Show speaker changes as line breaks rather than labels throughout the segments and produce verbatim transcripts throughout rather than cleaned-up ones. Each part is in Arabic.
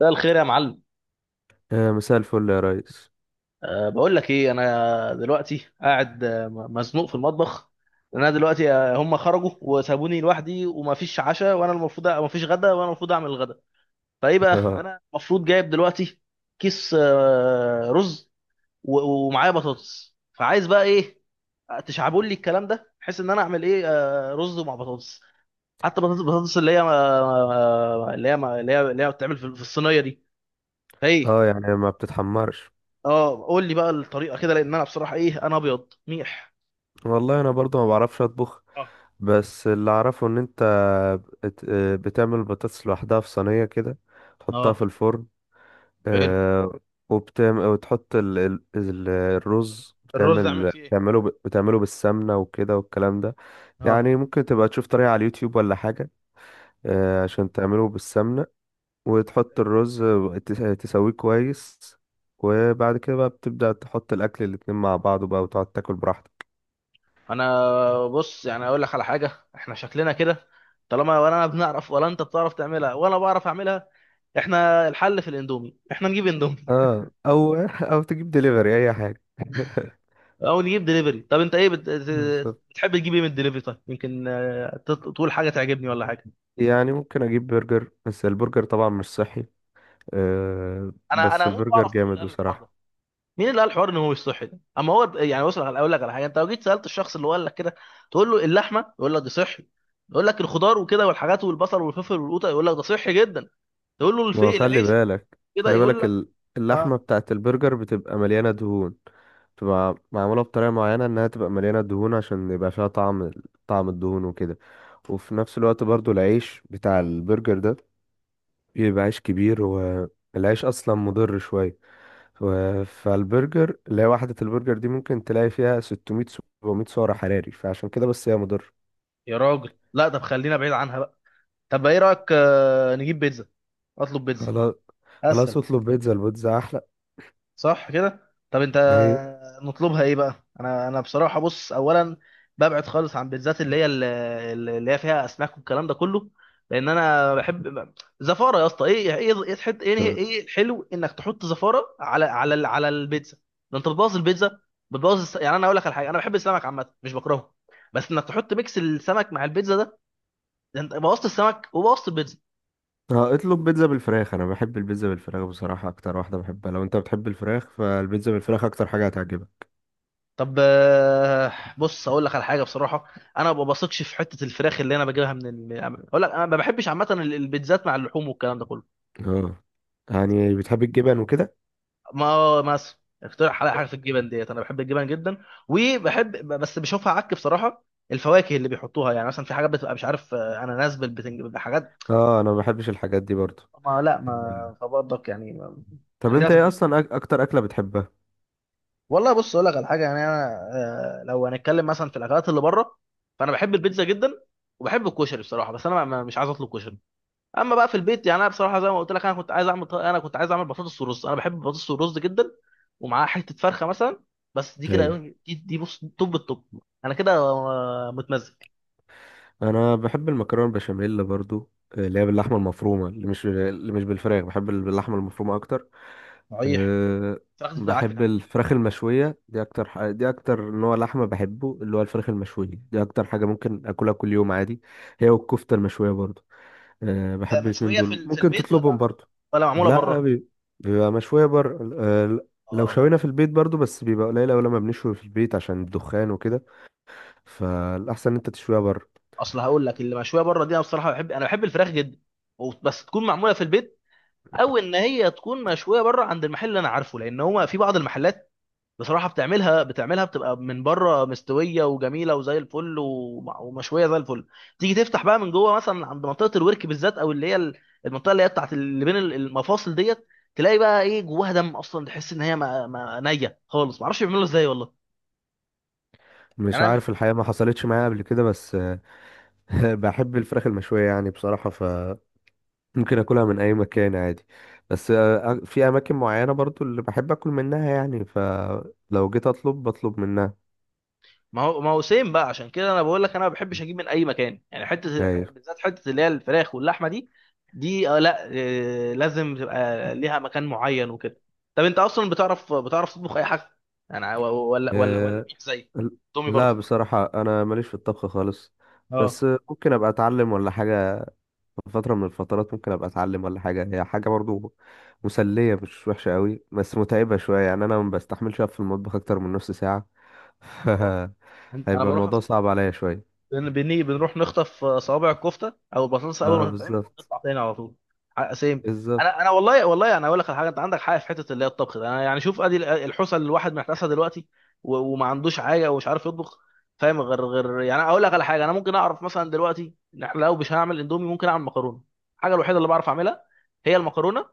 مساء الخير يا معلم.
آه، مساء الفل يا ريس.
أه بقول لك ايه، انا دلوقتي قاعد آه، م- مزنوق في المطبخ. لأن انا دلوقتي آه، هم خرجوا وسابوني لوحدي، ومفيش عشاء، وانا المفروض مفيش غدا وانا المفروض اعمل الغدا. فايه بقى
اه.
انا المفروض جايب دلوقتي؟ كيس آه، رز، و- ومعايا بطاطس، فعايز بقى ايه؟ تشعبوا لي الكلام ده بحيث ان انا اعمل ايه. آه، رز مع بطاطس، حتى بطاطس بطاطس اللي هي آه، آه، اللي هي اللي هي اللي هي بتتعمل في في الصينيه دي. فايه؟
آه، يعني ما بتتحمرش.
اه، قول لي بقى الطريقه كده، لان انا بصراحه ايه، انا ابيض ميح.
والله انا برضو ما بعرفش اطبخ،
اه.
بس اللي اعرفه ان انت بت- آه، بتعمل البطاطس لوحدها في صينية كده، تحطها في
اه.
الفرن.
حلو.
آه، وبتعمل وتحط ال... ال... ال- الرز،
الرز اعمل
بتعمل
فيه ايه؟
بتعمله ب... بتعمله بالسمنة وكده والكلام ده. يعني
اه.
ممكن تبقى تشوف طريقة على اليوتيوب ولا حاجة، آه،
اه.
عشان تعمله بالسمنة وتحط
حلو.
الرز وتس- تسويه كويس. وبعد كده بقى بتبدأ تحط الأكل الاتنين مع بعض بقى وتقعد تاكل براحتك.
انا بص، يعني اقول لك على حاجه، احنا شكلنا كده طالما ولا انا بنعرف ولا انت بتعرف تعملها ولا بعرف اعملها. احنا الحل في الاندومي، احنا نجيب اندومي.
اه، أو أو تجيب دليفري أي حاجة.
او نجيب دليفري. طب انت ايه بت...؟
بالظبط.
بتحب تجيب ايه من الدليفري؟ طيب يمكن آه، ت- تقول حاجه تعجبني ولا حاجه.
يعني ممكن أجيب برجر، بس البرجر طبعا مش صحي. آه
انا
بس
انا هموت
البرجر
واعرف مين
جامد
اللي قال الحوار
بصراحة.
ده. مين اللي قال الحوار ان هو مش صحي ده؟ اما هو يعني بص على- اقول لك على حاجه: انت لو جيت سالت الشخص اللي هو قال لك كده، تقول له اللحمه، يقول لك دي صحي. يقول لك الخضار وكده والحاجات والبصل والفلفل والقوطه، يقول لك ده صحي جدا. تقول له
ما هو
الفي
خلي
العيش
بالك
كده،
خلي
يقول
بالك،
لك
ال- اللحمة
اه.
بتاعت البرجر بتبقى مليانة دهون، بتبقى معمولة بطريقة معينة انها تبقى مليانة دهون عشان يبقى فيها طعم، طعم الدهون وكده. وفي نفس الوقت برضو العيش بتاع البرجر ده بيبقى عيش كبير، والعيش اصلا مضر شوية، و- فالبرجر اللي هي وحدة البرجر دي ممكن تلاقي فيها ستمية سبعمية سعر حراري، فعشان كده بس هي مضر.
يا راجل لا، طب خلينا بعيد عنها بقى. طب ايه رايك، آه، نجيب بيتزا؟ اطلب بيتزا،
خلاص، خلاص
اسهل.
اطلب بيتزا، البيتزا احلى.
صح كده؟ طب انت
أيوة.
نطلبها ايه بقى؟ انا انا بصراحه بص، اولا ببعد خالص عن بيتزات اللي هي اللي اللي هي فيها اسماك والكلام ده كله، لان انا بحب زفاره يا اسطى؟ ايه ايه ايه إيه، تحط ايه؟ ايه الحلو انك تحط زفاره على على ال- على البيتزا؟ ده انت بتبوظ البيتزا. بتبوظ الس... يعني انا اقول لك على حاجه، انا بحب السمك عامه، مش بكرهه، بس انك تحط ميكس السمك مع البيتزا ده، ده انت بوظت السمك وبوظت البيتزا.
اه اطلب بيتزا بالفراخ، انا بحب البيتزا بالفراخ بصراحة اكتر واحدة بحبها. لو انت بتحب الفراخ فالبيتزا بالفراخ اكتر حاجة هتعجبك.
طب آه، بص اقول لك على حاجه بصراحه، انا ما بثقش في حته الفراخ اللي انا بجيبها من ال... اقول لك انا ما بحبش عامه ال- البيتزات مع اللحوم والكلام ده كله.
اه، يعني بتحب الجبن وكده.
ما مثلا اقترح عليا حاجه في الجبن ديت، انا بحب الجبن جدا، وبحب بس بشوفها عك بصراحه الفواكه اللي بيحطوها، يعني مثلا في حاجات بتبقى مش عارف آه، اناناس بالبتنج بحاجات.
اه، انا ما بحبش الحاجات دي برضو.
ما لا ما فبرضك يعني ما-
طب
خلينا
انت
في
ايه
الجبن.
اصلا أك- اكتر اكلة بتحبها؟
والله بص اقول لك على حاجه، يعني انا آه، لو هنتكلم مثلا في الاكلات اللي بره، فانا بحب البيتزا جدا، وبحب الكشري بصراحه، بس انا ما- ما- مش عايز اطلب كشري. اما بقى في البيت، يعني انا بصراحه زي ما قلت لك، انا كنت عايز اعمل ط- انا كنت عايز اعمل بطاطس ورز، انا بحب البطاطس والرز جدا، ومعاها حته فرخه مثلا. بس دي كده،
ايوه،
دي, دي بص توب التوب. انا كده آه، متمزج.
انا بحب المكرونه البشاميل برضو، آه، اللي هي باللحمه المفرومه، اللي مش اللي مش بالفراخ، بحب ال- باللحمه المفرومه اكتر.
صحيح.
أه،
فراخ دي بتبقى عك،
بحب
خلي بالك.
الفراخ المشويه، دي اكتر ح- دي اكتر نوع لحمه بحبه، اللي هو الفراخ المشويه. دي اكتر حاجه ممكن اكلها كل يوم عادي، هي والكفته المشويه برضو. أه،
طب
بحب الاتنين
مشويه في
دول،
ال- في
ممكن
البيت،
تطلبهم
ولا
برضو.
ولا معموله
لا
بره؟
بي- بيبقى مشويه بر أه ل- لو
اه، ما-
شوينا في البيت برضو، بس بيبقى قليل أوي لما بنشوي في البيت عشان الدخان وكده. فالأحسن إن أنت تشويها بره.
اصل هقول لك اللي مشويه بره دي، انا بصراحه بحب، انا بحب الفراخ جدا، و- بس تكون معموله في البيت، او ان هي تكون مشويه بره عند المحل اللي انا عارفه. لان هو في بعض المحلات بصراحه بتعملها بتعملها بتبقى من بره مستويه وجميله وزي الفل، وم- ومشويه زي الفل. تيجي تفتح بقى من جوه مثلا عند منطقه الورك بالذات، او اللي هي ال- المنطقه اللي هي بتاعت اللي بين المفاصل ديت، تلاقي بقى ايه، جواها دم اصلا. تحس ان هي ما ما نيه خالص. معرفش بيعملوا ازاي والله.
مش
يعني
عارف الحقيقة، ما حصلتش معايا قبل كده، بس آه،
انا.
بحب الفراخ المشوية يعني بصراحة، فممكن أكلها من أي مكان عادي. بس آه، في أماكن معينة برضو اللي بحب أكل منها، يعني فلو جيت أطلب بطلب منها.
ما هو ما هو سيم بقى، عشان كده انا بقول لك انا ما بحبش اجيب من اي مكان، يعني حته
أيوة.
بالذات حته اللي هي الفراخ واللحمه دي. دي آه لا، آه لازم تبقى ليها مكان معين وكده. طب انت اصلا بتعرف بتعرف تطبخ اي حاجه؟ انا و- و- ولا ولا ولا
آه،
ميح زي
ال-
تومي
لا
برضك؟
بصراحة أنا ماليش في الطبخ خالص. بس
اه.
آه، ممكن أبقى أتعلم ولا حاجة. في فترة من الفترات ممكن أبقى أتعلم ولا حاجة، هي حاجة برضو مسلية مش وحشة قوي، بس متعبة شوية. يعني أنا ما بستحملش أقف في المطبخ أكتر من نص ساعة.
اه. انت انا
هيبقى
بروح
الموضوع
أخت...
صعب عليا شوية.
بن- بني بنروح نخطف صوابع الكفته او البطاطس اول
اه،
ما تتعمل
بالظبط.
ونطلع تاني على طول. ح- سيم.
بالظبط.
انا انا والله، والله انا اقول لك على حاجه، انت عندك حاجه في حته اللي هي الطبخ ده. انا يعني شوف، ادي ال- الحوسه اللي الواحد محتاسها دلوقتي، و- وما عندوش حاجه ومش عارف يطبخ. فاهم؟ غير غير يعني اقول لك على حاجه، انا ممكن اعرف مثلا دلوقتي إن إحنا لو مش هعمل اندومي، ممكن اعمل مكرونه. الحاجه الوحيده اللي بعرف اعملها هي المكرونه.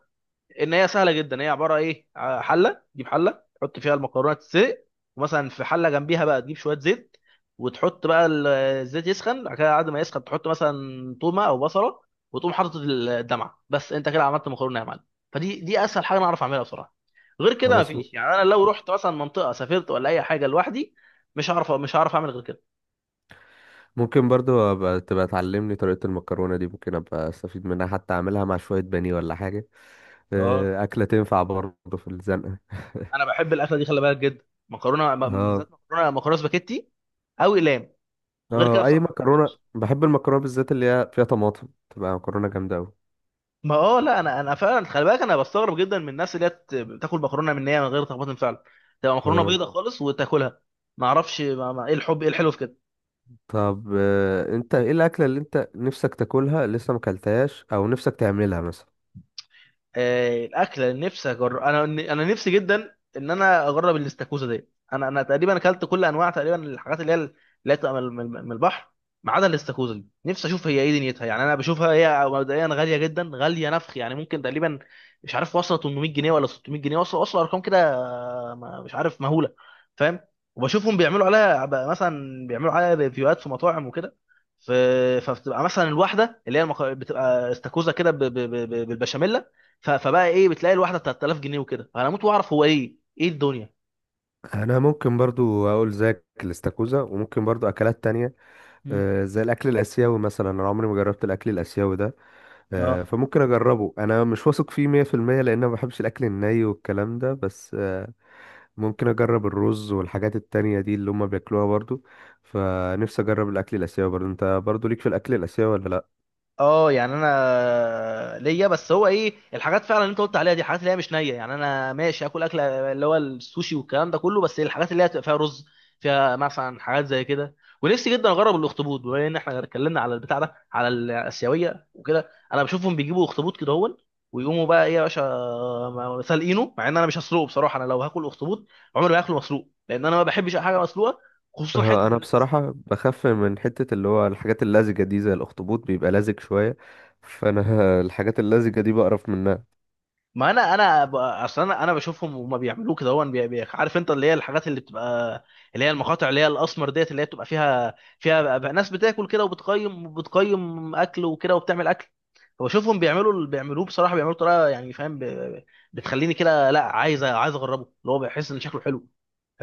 ان هي سهله جدا، هي عباره ايه ع- حله، تجيب حله تحط فيها المكرونه تتسلق، ومثلا في حله جنبيها بقى تجيب شويه زيت، وتحط بقى ال- الزيت يسخن، بعد كده بعد ما يسخن تحط مثلا تومه او بصله، وتقوم حاطط ال- الدمعه، بس انت كده عملت مكرونه يا معلم. فدي دي اسهل حاجه انا اعرف اعملها بصراحه، غير كده
خلاص م-
مفيش. يعني انا لو رحت مثلا منطقه، سافرت ولا اي حاجه لوحدي، مش هعرف مش هعرف اعمل غير كده.
ممكن برضو أبقى تبقى تعلمني طريقة المكرونة دي، ممكن أبقى أستفيد منها حتى أعملها مع شوية بانيه ولا حاجة.
اه،
آه، أكلة تنفع برضو في الزنقة.
انا بحب الاكله دي، خلي بالك، جدا. مكرونه م-
اه.
بالذات مكرونه مكرونه سباكيتي او اقلام. غير كده
اه، أي
بصراحه ما
مكرونة،
بحبهاش.
بحب المكرونة بالذات اللي هي فيها طماطم، تبقى مكرونة جامدة أوي.
ما اه لا، انا انا فعلا خلي بالك، انا بستغرب جدا من الناس اللي هي بت- بتاكل مكرونه من نيه، من غير تخبط فعلا، تبقى مكرونه
اه
بيضه خالص وتاكلها. ما اعرفش ما- ما- ايه الحب ايه الحلو في كده.
طب، آه، أنت إيه الأكلة اللي أنت نفسك تاكلها لسه مكلتهاش، أو نفسك تعملها مثلا؟
آه، الاكله اللي نفسي اجرب، انا انا نفسي جدا ان انا اجرب الاستاكوزا دي. انا انا تقريبا اكلت كل انواع تقريبا الحاجات اللي هي اللي هي بتبقى من من- من البحر، ما عدا الاستاكوزا دي. نفسي اشوف هي ايه دنيتها. يعني انا بشوفها هي مبدئيا غاليه جدا، غاليه نفخ، يعني ممكن تقريبا مش عارف واصله ثمنمية جنيه ولا ستمية جنيه، واصله واصله ارقام كده آه، ما- مش عارف مهوله. فاهم؟ وبشوفهم بيعملوا عليها بقى مثلا، بيعملوا عليها ريفيوهات في مطاعم وكده. ف- فبتبقى مثلا الواحده اللي هي المك... بتبقى استاكوزا كده ب- ب- ب- بالبشاميل. ف- فبقى ايه، بتلاقي الواحده ثلاثة آلاف جنيه وكده. انا اموت واعرف هو ايه ايه الدنيا.
انا ممكن برضو اقول زيك الاستاكوزا، وممكن برضو اكلات تانية،
مم.
آه، زي الاكل الاسيوي مثلا. انا عمري ما جربت الاكل الاسيوي ده، آه،
اه.
فممكن اجربه. انا مش واثق فيه مية في المية، لان انا ما بحبش الاكل الني والكلام ده، بس آه، ممكن اجرب الرز والحاجات التانية دي اللي هم بياكلوها برضو. فنفسي اجرب الاكل الاسيوي. برضو انت برضو ليك في الاكل الاسيوي ولا لا؟
اه يعني انا ليا، بس هو ايه الحاجات فعلا اللي انت قلت عليها دي، حاجات اللي هي مش نيه. يعني انا ماشي اكل اكله اللي هو السوشي والكلام ده كله، بس الحاجات اللي هي تبقى فيها رز، فيها مثلا حاجات زي كده. ونفسي جدا اجرب الاخطبوط، بما ان احنا اتكلمنا على البتاع ده على الاسيويه وكده. انا بشوفهم بيجيبوا اخطبوط كده هون، ويقوموا بقى ايه يا باشا، م- سالقينه. مع ان انا مش هسلقه بصراحه، انا لو هاكل اخطبوط، عمري ما هاكله مسلوق، لان انا ما بحبش اي حاجه مسلوقه، خصوصا
آه، انا
حته.
بصراحة بخاف من حتة اللي هو الحاجات اللزجة دي، زي الاخطبوط بيبقى لزج شوية، فانا الحاجات اللزجة دي بقرف منها.
ما انا انا ب- اصلا انا انا بشوفهم وما بيعملوه كده، هو بي- بي- عارف انت اللي هي الحاجات اللي بتبقى اللي هي المقاطع اللي هي الاسمر ديت، اللي هي بتبقى فيها، فيها بقى ناس بتاكل كده وبتقيم بتقيم اكل وكده وبتعمل اكل. فبشوفهم بيعملوا اللي بيعملوه بصراحه، بيعملوا طريقه يعني، فاهم، ب- ب- بتخليني كده لا، عايز، عايز اجربه، اللي هو بحس ان شكله حلو.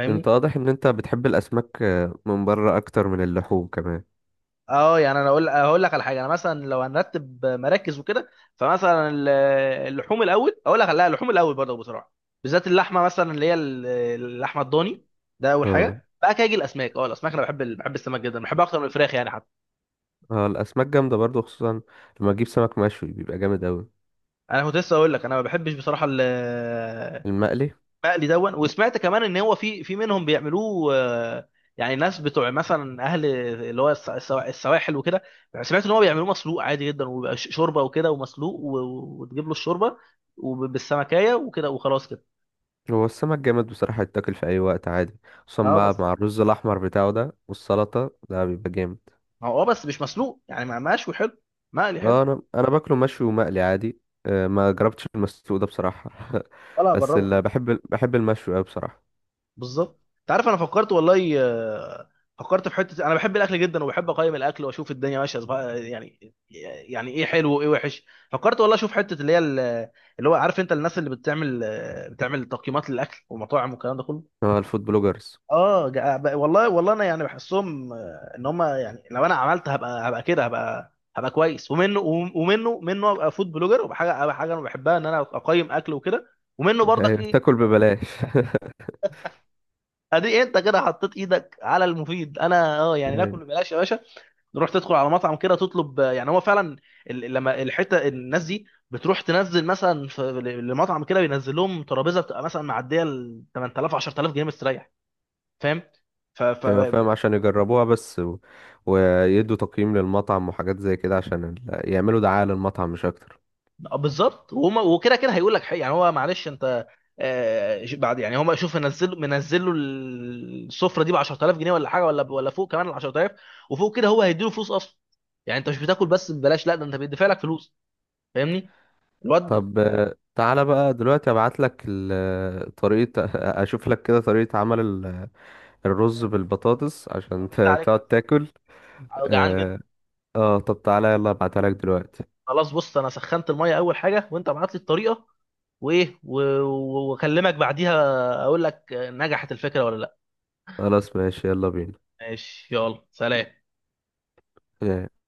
انت واضح ان انت بتحب الاسماك آه، من بره اكتر من اللحوم كمان.
اه يعني انا اقول، هقول لك على حاجه، انا مثلا لو هنرتب مراكز وكده، فمثلا ال- اللحوم الاول، اقول لك لا، اللحوم الاول برضه بصراحه، بالذات اللحمه مثلا اللي هي ال- اللحمه الضاني. ده اول
اه.
حاجه. بقى كده يجي الاسماك. اه الاسماك انا بحب ال- بحب السمك جدا، بحبها اكتر من الفراخ يعني حتى.
اه الاسماك جامده برضو، خصوصا لما اجيب سمك مشوي بيبقى جامد اوي.
انا كنت لسه اقول لك انا ما بحبش بصراحه ال-
المقلي.
مقلي دون. وسمعت كمان ان هو في في منهم بيعملوه آه، يعني ناس بتوع مثلا اهل اللي هو الس- السوا- السواحل وكده، سمعت ان هو بيعملوه مسلوق عادي جدا، وبيبقى ش- شوربه وكده ومسلوق، و- و- وتجيب له الشوربه وبالسمكيه وكده وخلاص كده.
هو السمك جامد بصراحه يتاكل في اي وقت عادي، خصوصا
اه
مع
بس،
مع الرز الاحمر بتاعه ده والسلطه ده بيبقى جامد.
هو اه بس مش مسلوق، يعني مع، مشوي حلو، مقلي
اه،
حلو.
انا انا باكله مشوي ومقلي عادي. آه، ما جربتش المسلوق ده بصراحه.
ولا
بس
هجربه، خلي
اللي
بالك.
بحب بحب المشوي اوي بصراحه.
بالظبط. انت عارف، انا فكرت والله، آه، فكرت في حته، انا بحب الاكل جدا وبحب اقيم الاكل واشوف الدنيا ماشيه صبا- يعني، يعني ايه حلو وايه وحش. فكرت والله اشوف حته اللي هي ال- اللي هو عارف انت الناس اللي بتعمل آه، بتعمل تقييمات للاكل والمطاعم والكلام ده كله.
اه، الفود بلوجرز.
اه، جا- ب- والله، والله انا يعني بحسهم آه، ان هم يعني لو انا عملت، هبقى هبقى كده هبقى هبقى كويس. ومنه، ومنه منه ابقى فود بلوجر وبحاجه، أبقى حاجه انا بحبها ان انا اقيم اكل وكده. ومنه برضك ايه.
تاكل ببلاش.
ادي انت كده حطيت ايدك على المفيد. انا اه، يعني ناكل ببلاش يا باشا. نروح تدخل على مطعم كده تطلب، يعني هو فعلا ال- لما الحته الناس دي بتروح تنزل مثلا في المطعم كده، بينزل لهم ترابيزه بتبقى مثلا معديه ال تمن تلاف عشرة آلاف جنيه مستريح. فاهم؟ ف ف
ايوه فاهم، عشان يجربوها بس و... ويدوا تقييم للمطعم وحاجات زي كده، عشان ال... يعملوا دعاية للمطعم مش اكتر.
آه، بالظبط. وهما وكده كده هيقول لك حق يعني، هو معلش انت، آه، ش- بعد يعني هما شوف، منزل منزل له السفره دي ب عشرة آلاف جنيه ولا حاجه، ولا ولا فوق كمان ال عشر تلاف، وفوق كده هو هيديله فلوس اصلا. يعني انت مش بتاكل بس ببلاش، لا ده انت بيدفع لك فلوس. فاهمني الواد.
طب، آه، تعالى بقى دلوقتي، ابعت لك ال... طريقة اشوف لك كده طريقة عمل ال... الرز
اه.
بالبطاطس
آه،
عشان ت...
بالله عليك
تقعد
لا،
تاكل.
أنا جعان
اه.
جدا.
آه، طب تعالى يلا ابعتها لك دلوقتي.
خلاص بص، انا سخنت الميه اول حاجه، وانت ابعت لي الطريقه، وايه و- و- واكلمك بعديها اقول لك نجحت الفكره ولا لا.
خلاص ماشي يلا بينا.
ماشي، يلا سلام.
آه.